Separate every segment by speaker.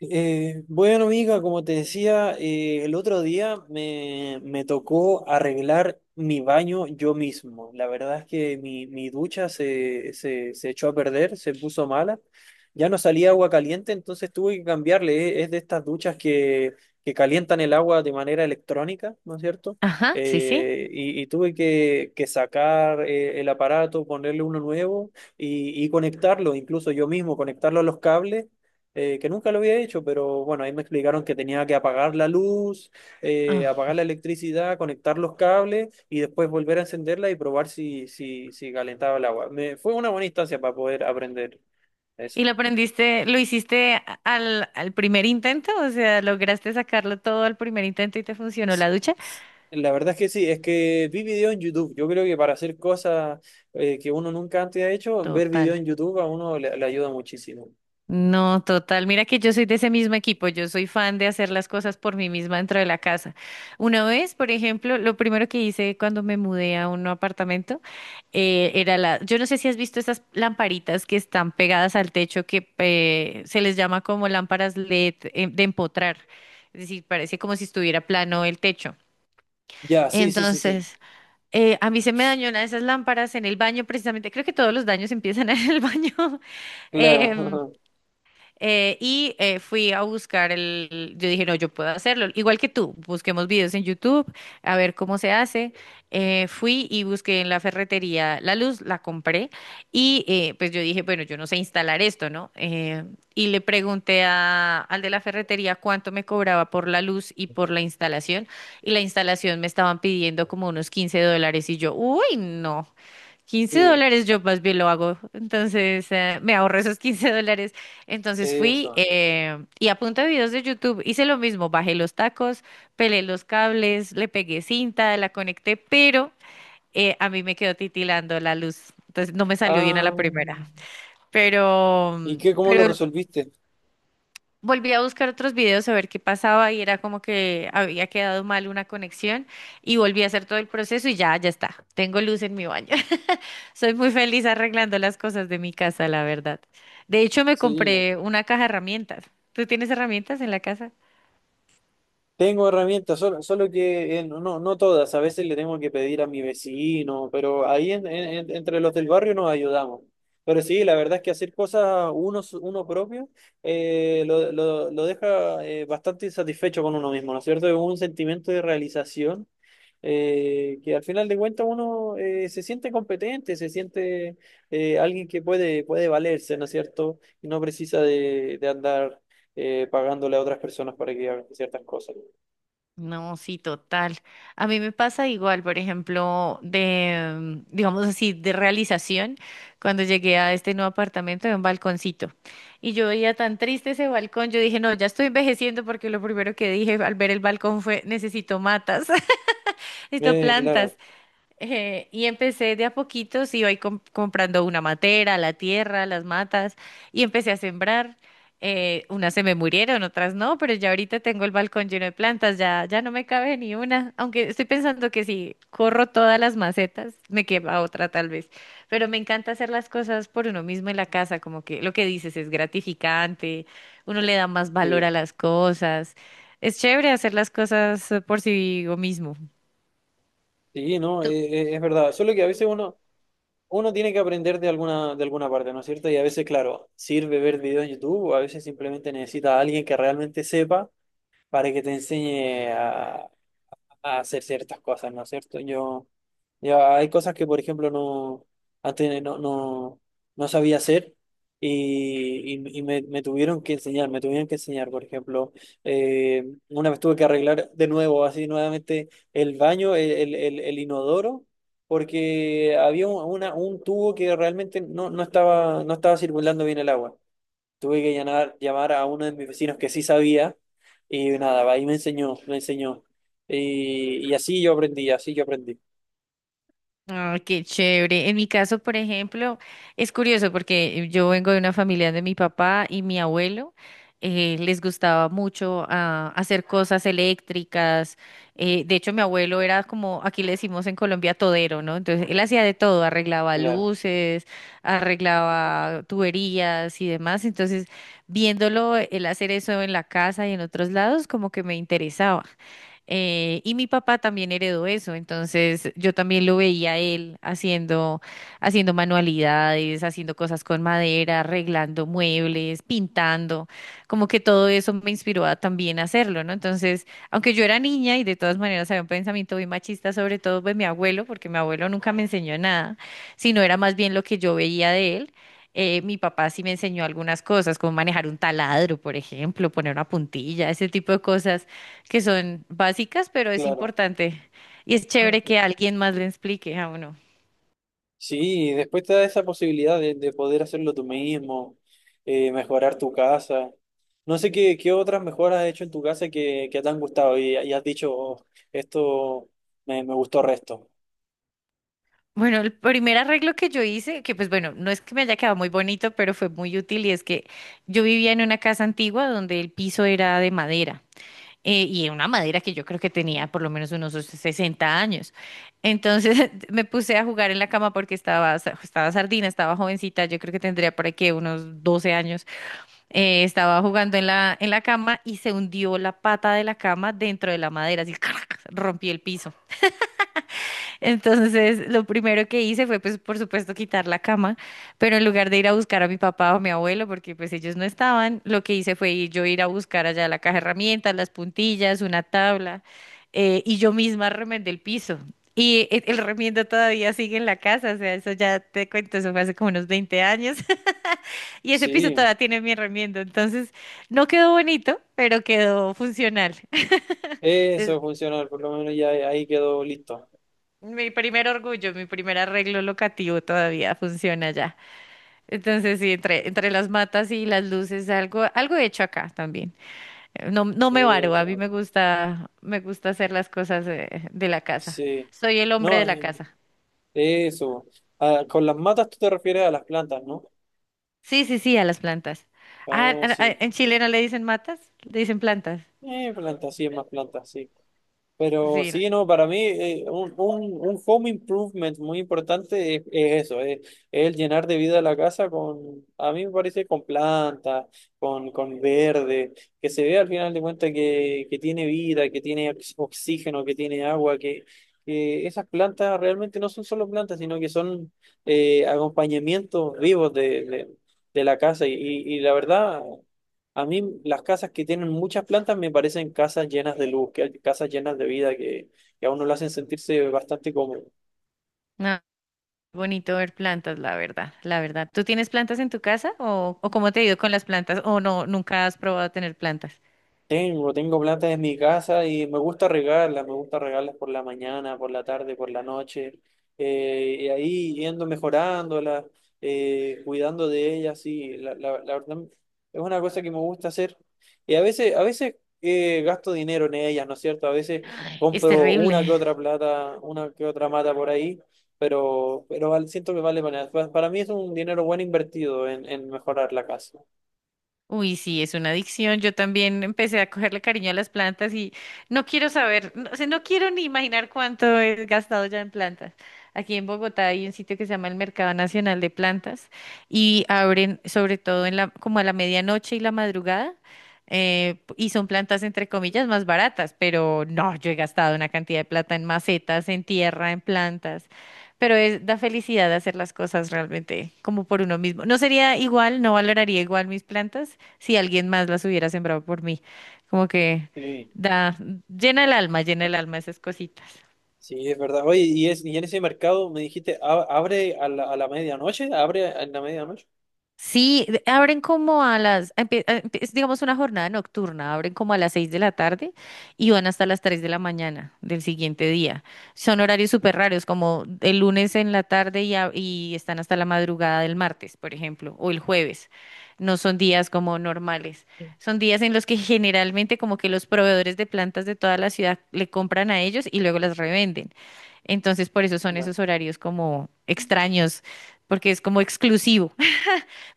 Speaker 1: Bueno, Amiga, como te decía, el otro día me tocó arreglar mi baño yo mismo. La verdad es que mi ducha se echó a perder, se puso mala. Ya no salía agua caliente, entonces tuve que cambiarle. Es de estas duchas que calientan el agua de manera electrónica, ¿no es cierto?
Speaker 2: Ajá, sí, sí.
Speaker 1: Y tuve que sacar el aparato, ponerle uno nuevo y conectarlo, incluso yo mismo, conectarlo a los cables que nunca lo había hecho, pero bueno, ahí me explicaron que tenía que apagar la luz,
Speaker 2: Ah.
Speaker 1: apagar la electricidad, conectar los cables y después volver a encenderla y probar si calentaba el agua. Fue una buena instancia para poder aprender eso.
Speaker 2: ¿Y lo aprendiste, lo hiciste al primer intento? O sea, ¿lograste sacarlo todo al primer intento y te funcionó la ducha?
Speaker 1: La verdad es que sí, es que vi video en YouTube. Yo creo que para hacer cosas que uno nunca antes ha hecho, ver video
Speaker 2: Total.
Speaker 1: en YouTube a uno le ayuda muchísimo.
Speaker 2: No, total. Mira que yo soy de ese mismo equipo. Yo soy fan de hacer las cosas por mí misma dentro de la casa. Una vez, por ejemplo, lo primero que hice cuando me mudé a un nuevo apartamento era la. Yo no sé si has visto estas lamparitas que están pegadas al techo que se les llama como lámparas LED de empotrar. Es decir, parece como si estuviera plano el techo.
Speaker 1: Ya, sí, sí, sí, sí.
Speaker 2: Entonces, a mí se me dañó una de esas lámparas en el baño, precisamente. Creo que todos los daños empiezan en el baño. Em,
Speaker 1: Claro.
Speaker 2: Fui a buscar yo dije, no, yo puedo hacerlo, igual que tú, busquemos videos en YouTube, a ver cómo se hace. Fui y busqué en la ferretería la luz, la compré y pues yo dije, bueno, yo no sé instalar esto, ¿no? Y le pregunté al de la ferretería cuánto me cobraba por la luz y por la instalación, y la instalación me estaban pidiendo como unos 15 dólares y yo, uy, no. Quince
Speaker 1: Sí,
Speaker 2: dólares yo más bien lo hago. Entonces, me ahorro esos 15 dólares. Entonces fui
Speaker 1: eso.
Speaker 2: y a punta de videos de YouTube hice lo mismo. Bajé los tacos, pelé los cables, le pegué cinta, la conecté, pero a mí me quedó titilando la luz. Entonces no me salió bien a la
Speaker 1: Ah,
Speaker 2: primera. Pero,
Speaker 1: ¿y qué, cómo lo
Speaker 2: pero
Speaker 1: resolviste?
Speaker 2: volví a buscar otros videos a ver qué pasaba y era como que había quedado mal una conexión, y volví a hacer todo el proceso y ya, ya está. Tengo luz en mi baño. Soy muy feliz arreglando las cosas de mi casa, la verdad. De hecho, me
Speaker 1: Sí.
Speaker 2: compré una caja de herramientas. ¿Tú tienes herramientas en la casa?
Speaker 1: Tengo herramientas, solo que no, no todas, a veces le tengo que pedir a mi vecino, pero ahí entre los del barrio nos ayudamos. Pero sí, la verdad es que hacer cosas uno, uno propio lo, lo deja bastante insatisfecho con uno mismo, ¿no es cierto? Es un sentimiento de realización que al final de cuentas uno se siente competente, se siente alguien que puede, puede valerse, ¿no es cierto? Y no precisa de andar pagándole a otras personas para que hagan ciertas cosas.
Speaker 2: No, sí, total. A mí me pasa igual, por ejemplo, digamos así, de realización, cuando llegué a este nuevo apartamento de un balconcito. Y yo veía tan triste ese balcón, yo dije, no, ya estoy envejeciendo porque lo primero que dije al ver el balcón fue, necesito matas, necesito
Speaker 1: Claro,
Speaker 2: plantas. Y empecé de a poquitos, iba ahí comprando una matera, la tierra, las matas, y empecé a sembrar. Unas se me murieron, otras no, pero ya ahorita tengo el balcón lleno de plantas, ya, ya no me cabe ni una, aunque estoy pensando que si corro todas las macetas, me quema otra tal vez. Pero me encanta hacer las cosas por uno mismo en la casa, como que lo que dices es gratificante, uno le da más valor
Speaker 1: sí,
Speaker 2: a las cosas. Es chévere hacer las cosas por sí mismo.
Speaker 1: sí, no, es verdad. Solo que a veces uno, uno tiene que aprender de alguna parte, ¿no es cierto? Y a veces, claro, sirve ver videos en YouTube, o a veces simplemente necesita a alguien que realmente sepa para que te enseñe a hacer ciertas cosas, ¿no es cierto? Yo, ya hay cosas que, por ejemplo, no, antes no sabía hacer y me tuvieron que enseñar, me tuvieron que enseñar, por ejemplo, una vez tuve que arreglar de nuevo, así nuevamente, el baño, el inodoro, porque había un tubo que realmente no, no estaba, no estaba circulando bien el agua. Tuve que llamar, llamar a uno de mis vecinos que sí sabía y nada, ahí me enseñó, me enseñó. Y así yo aprendí, así yo aprendí.
Speaker 2: Ah, qué chévere. En mi caso, por ejemplo, es curioso porque yo vengo de una familia de mi papá y mi abuelo. Les gustaba mucho hacer cosas eléctricas. De hecho, mi abuelo era como, aquí le decimos en Colombia, todero, ¿no? Entonces, él hacía de todo, arreglaba
Speaker 1: Claro,
Speaker 2: luces, arreglaba tuberías y demás. Entonces, viéndolo, él hacer eso en la casa y en otros lados, como que me interesaba. Y mi papá también heredó eso, entonces yo también lo veía a él haciendo manualidades, haciendo cosas con madera, arreglando muebles, pintando, como que todo eso me inspiró a también hacerlo, ¿no? Entonces, aunque yo era niña y de todas maneras había un pensamiento muy machista, sobre todo de mi abuelo, porque mi abuelo nunca me enseñó nada, sino era más bien lo que yo veía de él. Mi papá sí me enseñó algunas cosas, como manejar un taladro, por ejemplo, poner una puntilla, ese tipo de cosas que son básicas, pero es
Speaker 1: claro.
Speaker 2: importante, y es chévere que alguien más le explique a uno.
Speaker 1: Sí, y después te da esa posibilidad de poder hacerlo tú mismo, mejorar tu casa. No sé qué, qué otras mejoras has hecho en tu casa que te han gustado y has dicho, "Oh, esto me gustó resto".
Speaker 2: Bueno, el primer arreglo que yo hice, que pues bueno, no es que me haya quedado muy bonito, pero fue muy útil, y es que yo vivía en una casa antigua donde el piso era de madera, y una madera que yo creo que tenía por lo menos unos 60 años. Entonces me puse a jugar en la cama porque estaba sardina, estaba jovencita, yo creo que tendría por aquí unos 12 años. Estaba jugando en la cama y se hundió la pata de la cama dentro de la madera, así crac, rompí el piso. Entonces, lo primero que hice fue, pues, por supuesto, quitar la cama, pero en lugar de ir a buscar a mi papá o a mi abuelo, porque pues ellos no estaban, lo que hice fue yo ir a buscar allá la caja de herramientas, las puntillas, una tabla, y yo misma remendé el piso. Y el remiendo todavía sigue en la casa, o sea, eso ya te cuento, eso fue hace como unos 20 años. Y ese piso
Speaker 1: Sí,
Speaker 2: todavía tiene mi remiendo, entonces no quedó bonito, pero quedó funcional. Es
Speaker 1: eso funcionó, por lo menos ya ahí quedó listo.
Speaker 2: mi primer orgullo, mi primer arreglo locativo todavía funciona ya. Entonces sí, entre las matas y las luces, algo he hecho acá también. No, no me varo, a mí
Speaker 1: Eso,
Speaker 2: me gusta hacer las cosas de la casa.
Speaker 1: sí.
Speaker 2: Soy el hombre
Speaker 1: No,
Speaker 2: de la casa.
Speaker 1: eso. Ah, con las matas tú te refieres a las plantas, ¿no?
Speaker 2: Sí, sí, sí, a las plantas. Ah,
Speaker 1: Ah,
Speaker 2: ah, ah,
Speaker 1: sí.
Speaker 2: en Chile no le dicen matas, le dicen plantas.
Speaker 1: Plantas, sí, es más plantas, sí. Pero
Speaker 2: Sí, no.
Speaker 1: sí, no, para mí un home improvement muy importante es eso, es el llenar de vida la casa con, a mí me parece, con plantas, con verde, que se vea al final de cuentas que tiene vida, que tiene oxígeno, que tiene agua, que esas plantas realmente no son solo plantas, sino que son acompañamientos vivos de la casa. Y la verdad, a mí las casas que tienen muchas plantas me parecen casas llenas de luz, casas llenas de vida que a uno lo hacen sentirse bastante cómodo.
Speaker 2: No. Bonito ver plantas, la verdad, la verdad. ¿Tú tienes plantas en tu casa o cómo te ha ido con las plantas? O no, nunca has probado tener plantas.
Speaker 1: Tengo, tengo plantas en mi casa y me gusta regarlas por la mañana, por la tarde, por la noche, y ahí yendo mejorándolas, cuidando de ellas, sí, la, la verdad es una cosa que me gusta hacer. Y a veces gasto dinero en ellas, ¿no es cierto? A veces
Speaker 2: Es
Speaker 1: compro una que
Speaker 2: terrible.
Speaker 1: otra plata, una que otra mata por ahí, pero, siento que vale para nada. Para mí es un dinero bueno invertido en mejorar la casa.
Speaker 2: Uy, sí, es una adicción. Yo también empecé a cogerle cariño a las plantas, y no quiero saber, no, o sea, no quiero ni imaginar cuánto he gastado ya en plantas. Aquí en Bogotá hay un sitio que se llama el Mercado Nacional de Plantas, y abren sobre todo en como a la medianoche y la madrugada, y son plantas entre comillas más baratas, pero no, yo he gastado una cantidad de plata en macetas, en tierra, en plantas. Pero da felicidad hacer las cosas realmente como por uno mismo. No sería igual, no valoraría igual mis plantas si alguien más las hubiera sembrado por mí. Como que
Speaker 1: Sí.
Speaker 2: da, llena el alma esas cositas.
Speaker 1: Sí, es verdad. Oye, y, es, y en ese mercado me dijiste, "A- "abre a la medianoche, abre a la medianoche".
Speaker 2: Sí, abren como a las, empie- empie- es digamos una jornada nocturna, abren como a las 6 de la tarde y van hasta las 3 de la mañana del siguiente día. Son horarios súper raros, como el lunes en la tarde y están hasta la madrugada del martes, por ejemplo, o el jueves. No son días como normales. Son días en los que generalmente como que los proveedores de plantas de toda la ciudad le compran a ellos y luego las revenden. Entonces, por eso son
Speaker 1: No,
Speaker 2: esos horarios como extraños, porque es como exclusivo.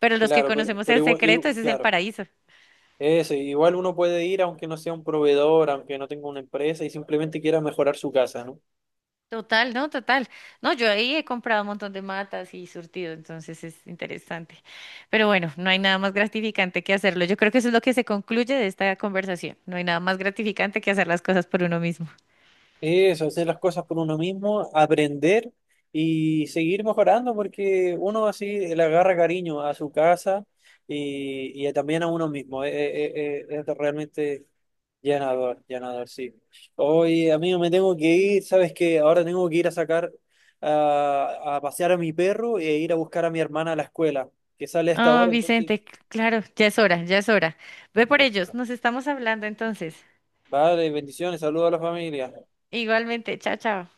Speaker 2: Pero los que
Speaker 1: claro, pero,
Speaker 2: conocemos el secreto, ese es el
Speaker 1: claro,
Speaker 2: paraíso.
Speaker 1: eso, igual uno puede ir aunque no sea un proveedor, aunque no tenga una empresa y simplemente quiera mejorar su casa, ¿no?
Speaker 2: Total. No, yo ahí he comprado un montón de matas y surtido, entonces es interesante. Pero bueno, no hay nada más gratificante que hacerlo. Yo creo que eso es lo que se concluye de esta conversación. No hay nada más gratificante que hacer las cosas por uno mismo.
Speaker 1: Eso, hacer las cosas por uno mismo, aprender y seguir mejorando porque uno así le agarra cariño a su casa y también a uno mismo. Es realmente llenador, llenador, sí. Hoy, amigo, me tengo que ir, sabes que ahora tengo que ir a sacar a pasear a mi perro e ir a buscar a mi hermana a la escuela, que sale a esta
Speaker 2: Ah,
Speaker 1: hora, entonces.
Speaker 2: Vicente, claro, ya es hora, ya es hora. Ve por
Speaker 1: ya,
Speaker 2: ellos,
Speaker 1: pero-
Speaker 2: nos estamos hablando entonces.
Speaker 1: Vale, bendiciones, saludos a la familia.
Speaker 2: Igualmente, chao, chao.